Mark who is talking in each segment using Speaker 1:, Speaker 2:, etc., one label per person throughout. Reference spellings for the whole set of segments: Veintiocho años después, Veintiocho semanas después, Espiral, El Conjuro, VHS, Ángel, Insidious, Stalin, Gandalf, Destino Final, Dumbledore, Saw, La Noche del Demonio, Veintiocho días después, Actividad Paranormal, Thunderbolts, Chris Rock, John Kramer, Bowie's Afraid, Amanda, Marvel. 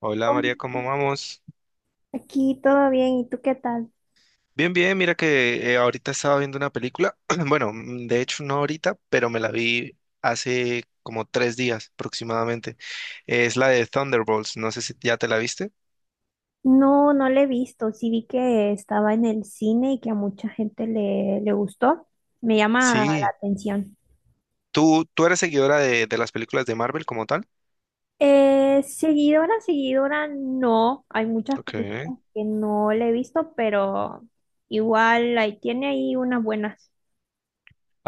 Speaker 1: Hola María,
Speaker 2: Hola,
Speaker 1: ¿cómo vamos?
Speaker 2: aquí todo bien, ¿y tú qué tal?
Speaker 1: Bien, bien, mira que ahorita estaba viendo una película, bueno, de hecho no ahorita, pero me la vi hace como 3 días aproximadamente. Es la de Thunderbolts, no sé si ya te la viste.
Speaker 2: No, no le he visto, sí vi que estaba en el cine y que a mucha gente le gustó, me llama la
Speaker 1: Sí.
Speaker 2: atención.
Speaker 1: ¿Tú eres seguidora de las películas de Marvel como tal?
Speaker 2: Seguidora, seguidora, no, hay muchas
Speaker 1: Ok.
Speaker 2: películas que no le he visto, pero igual ahí tiene ahí unas buenas.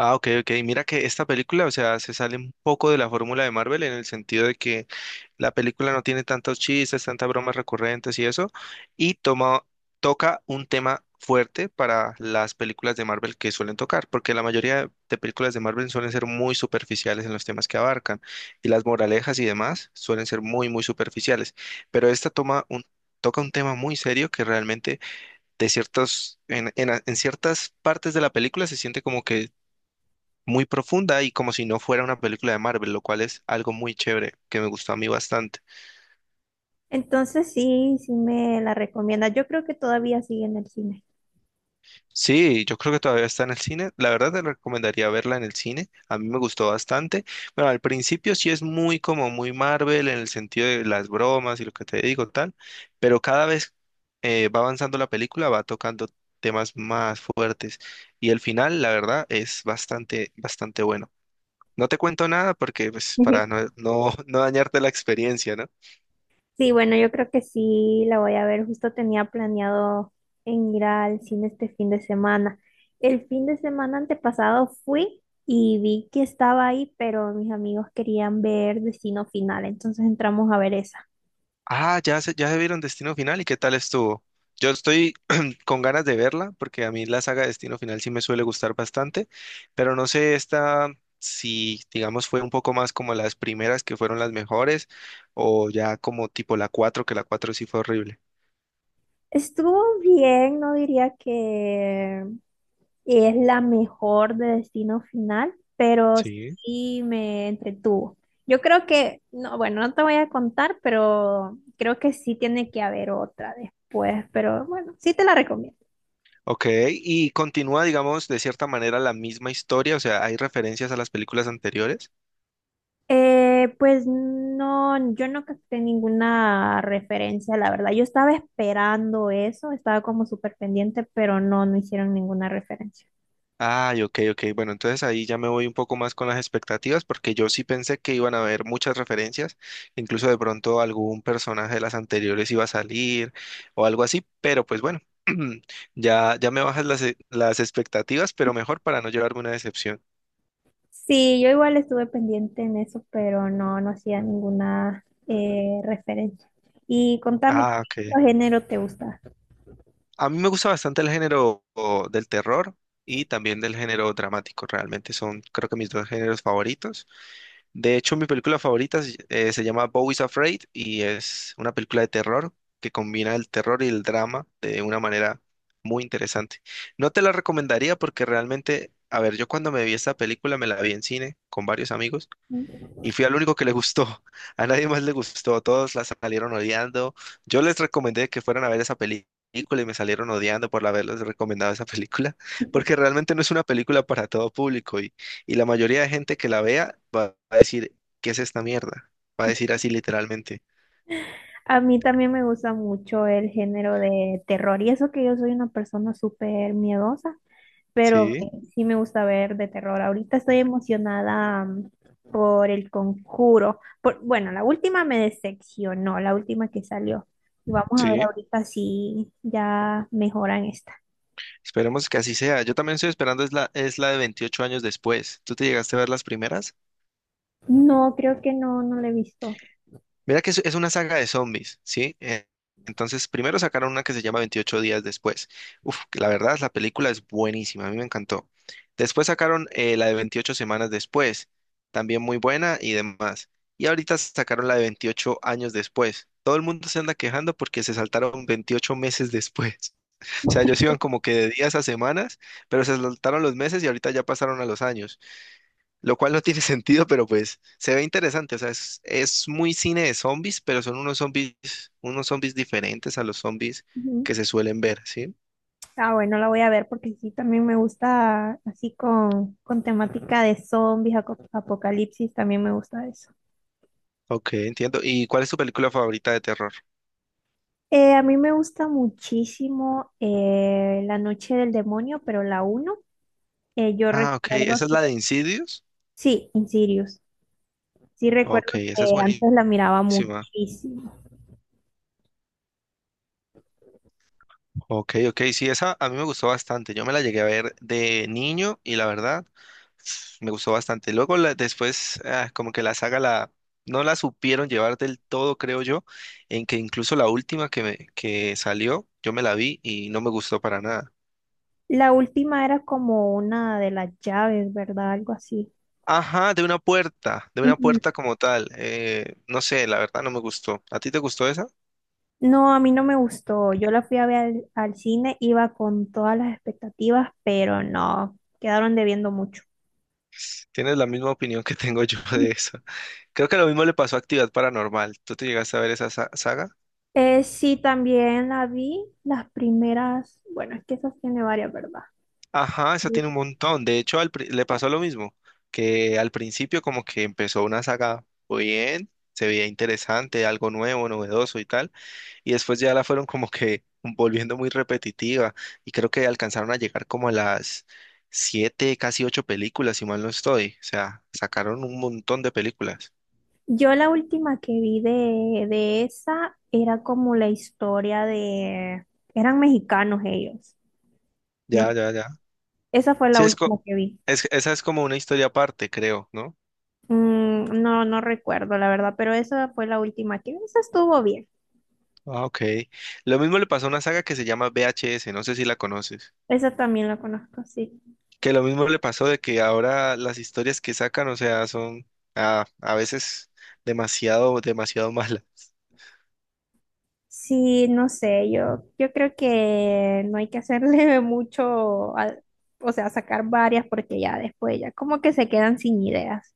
Speaker 1: Ah, ok, ok. Mira que esta película, o sea, se sale un poco de la fórmula de Marvel en el sentido de que la película no tiene tantos chistes, tantas bromas recurrentes y eso, y toca un tema fuerte para las películas de Marvel que suelen tocar, porque la mayoría de películas de Marvel suelen ser muy superficiales en los temas que abarcan, y las moralejas y demás suelen ser muy, muy superficiales, pero esta toca un tema muy serio que realmente de ciertos, en a- en ciertas partes de la película se siente como que muy profunda y como si no fuera una película de Marvel, lo cual es algo muy chévere que me gustó a mí bastante.
Speaker 2: Entonces sí, sí me la recomienda, yo creo que todavía sigue en el cine.
Speaker 1: Sí, yo creo que todavía está en el cine. La verdad te recomendaría verla en el cine. A mí me gustó bastante. Bueno, al principio sí es muy como muy Marvel en el sentido de las bromas y lo que te digo, tal. Pero cada vez va avanzando la película, va tocando temas más fuertes. Y el final, la verdad, es bastante, bastante bueno. No te cuento nada porque, pues, para
Speaker 2: Ujú.
Speaker 1: no dañarte la experiencia, ¿no?
Speaker 2: Sí, bueno, yo creo que sí la voy a ver. Justo tenía planeado en ir al cine este fin de semana. El fin de semana antepasado fui y vi que estaba ahí, pero mis amigos querían ver Destino Final, entonces entramos a ver esa.
Speaker 1: Ah, ya se vieron Destino Final y qué tal estuvo. Yo estoy con ganas de verla porque a mí la saga Destino Final sí me suele gustar bastante, pero no sé esta si, digamos, fue un poco más como las primeras que fueron las mejores o ya como tipo la 4 que la 4 sí fue horrible.
Speaker 2: Estuvo bien, no diría que es la mejor de Destino Final, pero
Speaker 1: Sí.
Speaker 2: sí me entretuvo. Yo creo que, no, bueno, no te voy a contar, pero creo que sí tiene que haber otra después, pero bueno, sí te la recomiendo.
Speaker 1: Ok, y continúa, digamos, de cierta manera la misma historia, o sea, hay referencias a las películas anteriores.
Speaker 2: Pues no, yo no capté ninguna referencia, la verdad. Yo estaba esperando eso, estaba como súper pendiente, pero no, no hicieron ninguna referencia.
Speaker 1: Ay, ok, ok. Bueno, entonces ahí ya me voy un poco más con las expectativas porque yo sí pensé que iban a haber muchas referencias, incluso de pronto algún personaje de las anteriores iba a salir o algo así, pero pues bueno, ya me bajas las, las expectativas, pero mejor para no llevarme una decepción.
Speaker 2: Sí, yo igual estuve pendiente en eso, pero no, no hacía ninguna referencia. Y contame,
Speaker 1: Ah, ok.
Speaker 2: ¿qué género te gusta?
Speaker 1: A mí me gusta bastante el género del terror y también del género dramático, realmente son creo que mis dos géneros favoritos. De hecho, mi película favorita se llama Bowie's Afraid y es una película de terror que combina el terror y el drama de una manera muy interesante. No te la recomendaría porque realmente, a ver, yo cuando me vi esta película me la vi en cine con varios amigos y fui al único que le gustó. A nadie más le gustó. Todos la salieron odiando. Yo les recomendé que fueran a ver esa película y me salieron odiando por haberles recomendado esa película,
Speaker 2: Ujú.
Speaker 1: porque realmente no es una película para todo público y la mayoría de gente que la vea va a decir, ¿qué es esta mierda? Va a decir así literalmente.
Speaker 2: A mí también me gusta mucho el género de terror, y eso que yo soy una persona súper miedosa, pero
Speaker 1: Sí,
Speaker 2: sí me gusta ver de terror. Ahorita estoy emocionada por El Conjuro. Por, bueno, la última me decepcionó, la última que salió. Y vamos a ver
Speaker 1: sí.
Speaker 2: ahorita si ya mejoran esta.
Speaker 1: Esperemos que así sea. Yo también estoy esperando es la de 28 años después. ¿Tú te llegaste a ver las primeras?
Speaker 2: No, creo que no, no la he visto.
Speaker 1: Mira que es una saga de zombies, ¿sí? Entonces, primero sacaron una que se llama 28 días después. Uf, que la verdad, la película es buenísima, a mí me encantó. Después sacaron la de 28 semanas después, también muy buena y demás. Y ahorita sacaron la de 28 años después. Todo el mundo se anda quejando porque se saltaron 28 meses después. O sea, ellos iban como que de días a semanas, pero se saltaron los meses y ahorita ya pasaron a los años lo cual no tiene sentido, pero pues se ve interesante. O sea, es muy cine de zombies, pero son unos zombies diferentes a los zombies
Speaker 2: Ujú.
Speaker 1: que se suelen ver, ¿sí?
Speaker 2: Ah, bueno, la voy a ver porque sí, también me gusta así con temática de zombies, aco- apocalipsis, también me gusta eso.
Speaker 1: Ok, entiendo. ¿Y cuál es tu película favorita de terror?
Speaker 2: A mí me gusta muchísimo La Noche del Demonio, pero la uno yo
Speaker 1: Ah, ok, esa
Speaker 2: recuerdo
Speaker 1: es
Speaker 2: que,
Speaker 1: la de Insidious.
Speaker 2: sí, Insidious, sí recuerdo
Speaker 1: Ok,
Speaker 2: que
Speaker 1: esa es buenísima.
Speaker 2: antes la miraba muchísimo.
Speaker 1: Ok, ok, sí, esa a mí me gustó bastante. Yo me la llegué a ver de niño y la verdad me gustó bastante. Luego después como que la saga la no la supieron llevar del todo, creo yo, en que incluso la última que salió, yo me la vi y no me gustó para nada.
Speaker 2: La última era como una de las llaves, ¿verdad? Algo así.
Speaker 1: Ajá, de una
Speaker 2: Ujú.
Speaker 1: puerta como tal. No sé, la verdad no me gustó. ¿A ti te gustó esa?
Speaker 2: No, a mí no me gustó. Yo la fui a ver al cine, iba con todas las expectativas, pero no, quedaron debiendo mucho.
Speaker 1: Tienes la misma opinión que tengo yo de esa. Creo que lo mismo le pasó a Actividad Paranormal. ¿Tú te llegaste a ver esa saga?
Speaker 2: Sí, también la vi las primeras, bueno, es que esas tiene varias, ¿verdad?
Speaker 1: Ajá, esa tiene un montón. De hecho, le pasó lo mismo, que al principio como que empezó una saga muy bien, se veía interesante, algo nuevo, novedoso y tal, y después ya la fueron como que volviendo muy repetitiva y creo que alcanzaron a llegar como a las siete, casi ocho películas, si mal no estoy. O sea, sacaron un montón de películas.
Speaker 2: Yo la última que vi de esa era como la historia de, eran mexicanos ellos,
Speaker 1: Ya,
Speaker 2: ¿no?
Speaker 1: ya, ya.
Speaker 2: Esa fue
Speaker 1: Sí,
Speaker 2: la última que vi.
Speaker 1: esa es como una historia aparte, creo, ¿no?
Speaker 2: Mm, no, no recuerdo la verdad, pero esa fue la última que vi. Esa estuvo bien.
Speaker 1: Ah, ok. Lo mismo le pasó a una saga que se llama VHS, no sé si la conoces.
Speaker 2: Esa también la conozco, sí.
Speaker 1: Que lo mismo le pasó de que ahora las historias que sacan, o sea, son a veces demasiado, demasiado malas.
Speaker 2: Sí, no sé, yo creo que no hay que hacerle mucho, al- o sea, sacar varias porque ya después ya como que se quedan sin ideas.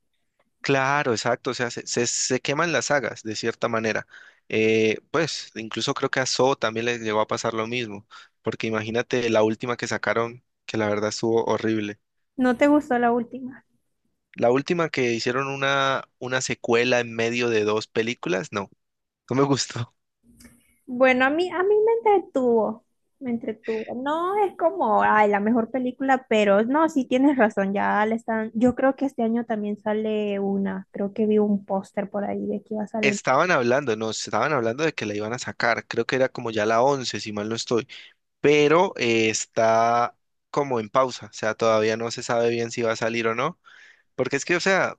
Speaker 1: Claro, exacto, o sea, se queman las sagas de cierta manera. Pues incluso creo que a Saw también les llegó a pasar lo mismo, porque imagínate la última que sacaron, que la verdad estuvo horrible.
Speaker 2: ¿No te gustó la última?
Speaker 1: La última que hicieron una secuela en medio de dos películas, no, no me gustó.
Speaker 2: Bueno, a mí me entretuvo, me entretuvo. No es como, ay, la mejor película, pero no, sí tienes razón, ya le están, yo creo que este año también sale una, creo que vi un póster por ahí de que iba a salir.
Speaker 1: Estaban hablando, no, estaban hablando de que la iban a sacar, creo que era como ya la 11 si mal no estoy, pero está como en pausa, o sea, todavía no se sabe bien si va a salir o no, porque es que, o sea,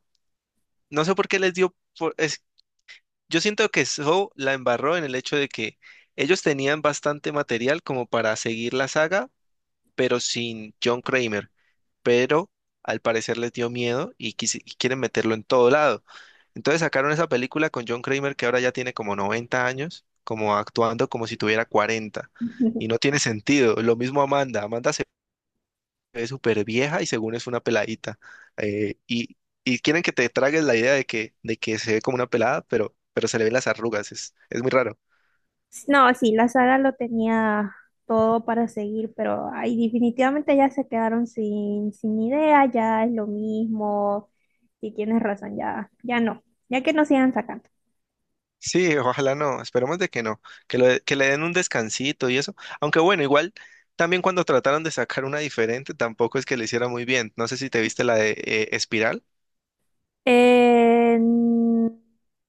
Speaker 1: no sé por qué les dio, yo siento que Saw la embarró en el hecho de que ellos tenían bastante material como para seguir la saga, pero sin John Kramer, pero al parecer les dio miedo y, y quieren meterlo en todo lado. Entonces sacaron esa película con John Kramer que ahora ya tiene como 90 años, como actuando como si tuviera 40. Y no tiene sentido. Lo mismo Amanda. Amanda se es súper vieja y según es una peladita. eh, y, y quieren que te tragues la idea de de que se ve como una pelada, pero se le ven las arrugas. Es muy raro.
Speaker 2: No, sí, la saga lo tenía todo para seguir, pero ahí definitivamente ya se quedaron sin, sin idea, ya es lo mismo. Y tienes razón, ya, ya no, ya que no sigan sacando.
Speaker 1: Sí, ojalá no. Esperemos de que no. Que, que le den un descansito y eso. Aunque bueno, igual también cuando trataron de sacar una diferente, tampoco es que le hiciera muy bien. No sé si te viste la de Espiral.
Speaker 2: Eh, mm,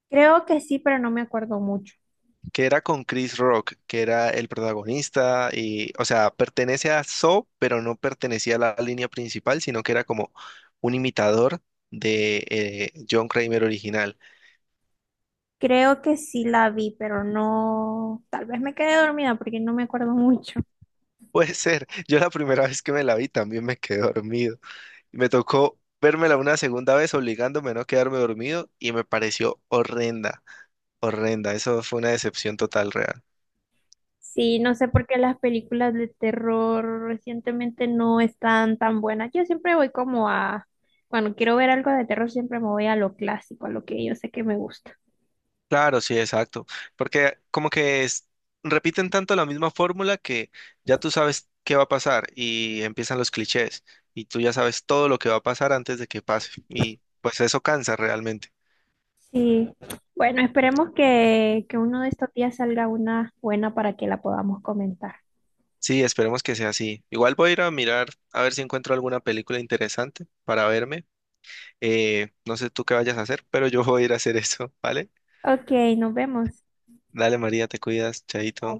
Speaker 2: creo que sí, pero no me acuerdo mucho.
Speaker 1: Que era con Chris Rock, que era el protagonista y, o sea, pertenece a Saw, pero no pertenecía a la línea principal, sino que era como un imitador de John Kramer original.
Speaker 2: Creo que sí la vi, pero no, tal vez me quedé dormida porque no me acuerdo mucho.
Speaker 1: Puede ser, yo la primera vez que me la vi también me quedé dormido. Me tocó vérmela una segunda vez obligándome a no quedarme dormido y me pareció horrenda, horrenda. Eso fue una decepción total real.
Speaker 2: Sí, no sé por qué las películas de terror recientemente no están tan buenas. Yo siempre voy como a, cuando quiero ver algo de terror, siempre me voy a lo clásico, a lo que yo sé que me gusta.
Speaker 1: Claro, sí, exacto. Porque como repiten tanto la misma fórmula que ya tú sabes qué va a pasar y empiezan los clichés y tú ya sabes todo lo que va a pasar antes de que pase. Y pues eso cansa realmente.
Speaker 2: Sí, bueno, esperemos que uno de estos días salga una buena para que la podamos comentar.
Speaker 1: Sí, esperemos que sea así. Igual voy a ir a mirar a ver si encuentro alguna película interesante para verme. No sé tú qué vayas a hacer, pero yo voy a ir a hacer eso, ¿vale?
Speaker 2: Ok, nos vemos.
Speaker 1: Dale, María, te cuidas, chaito.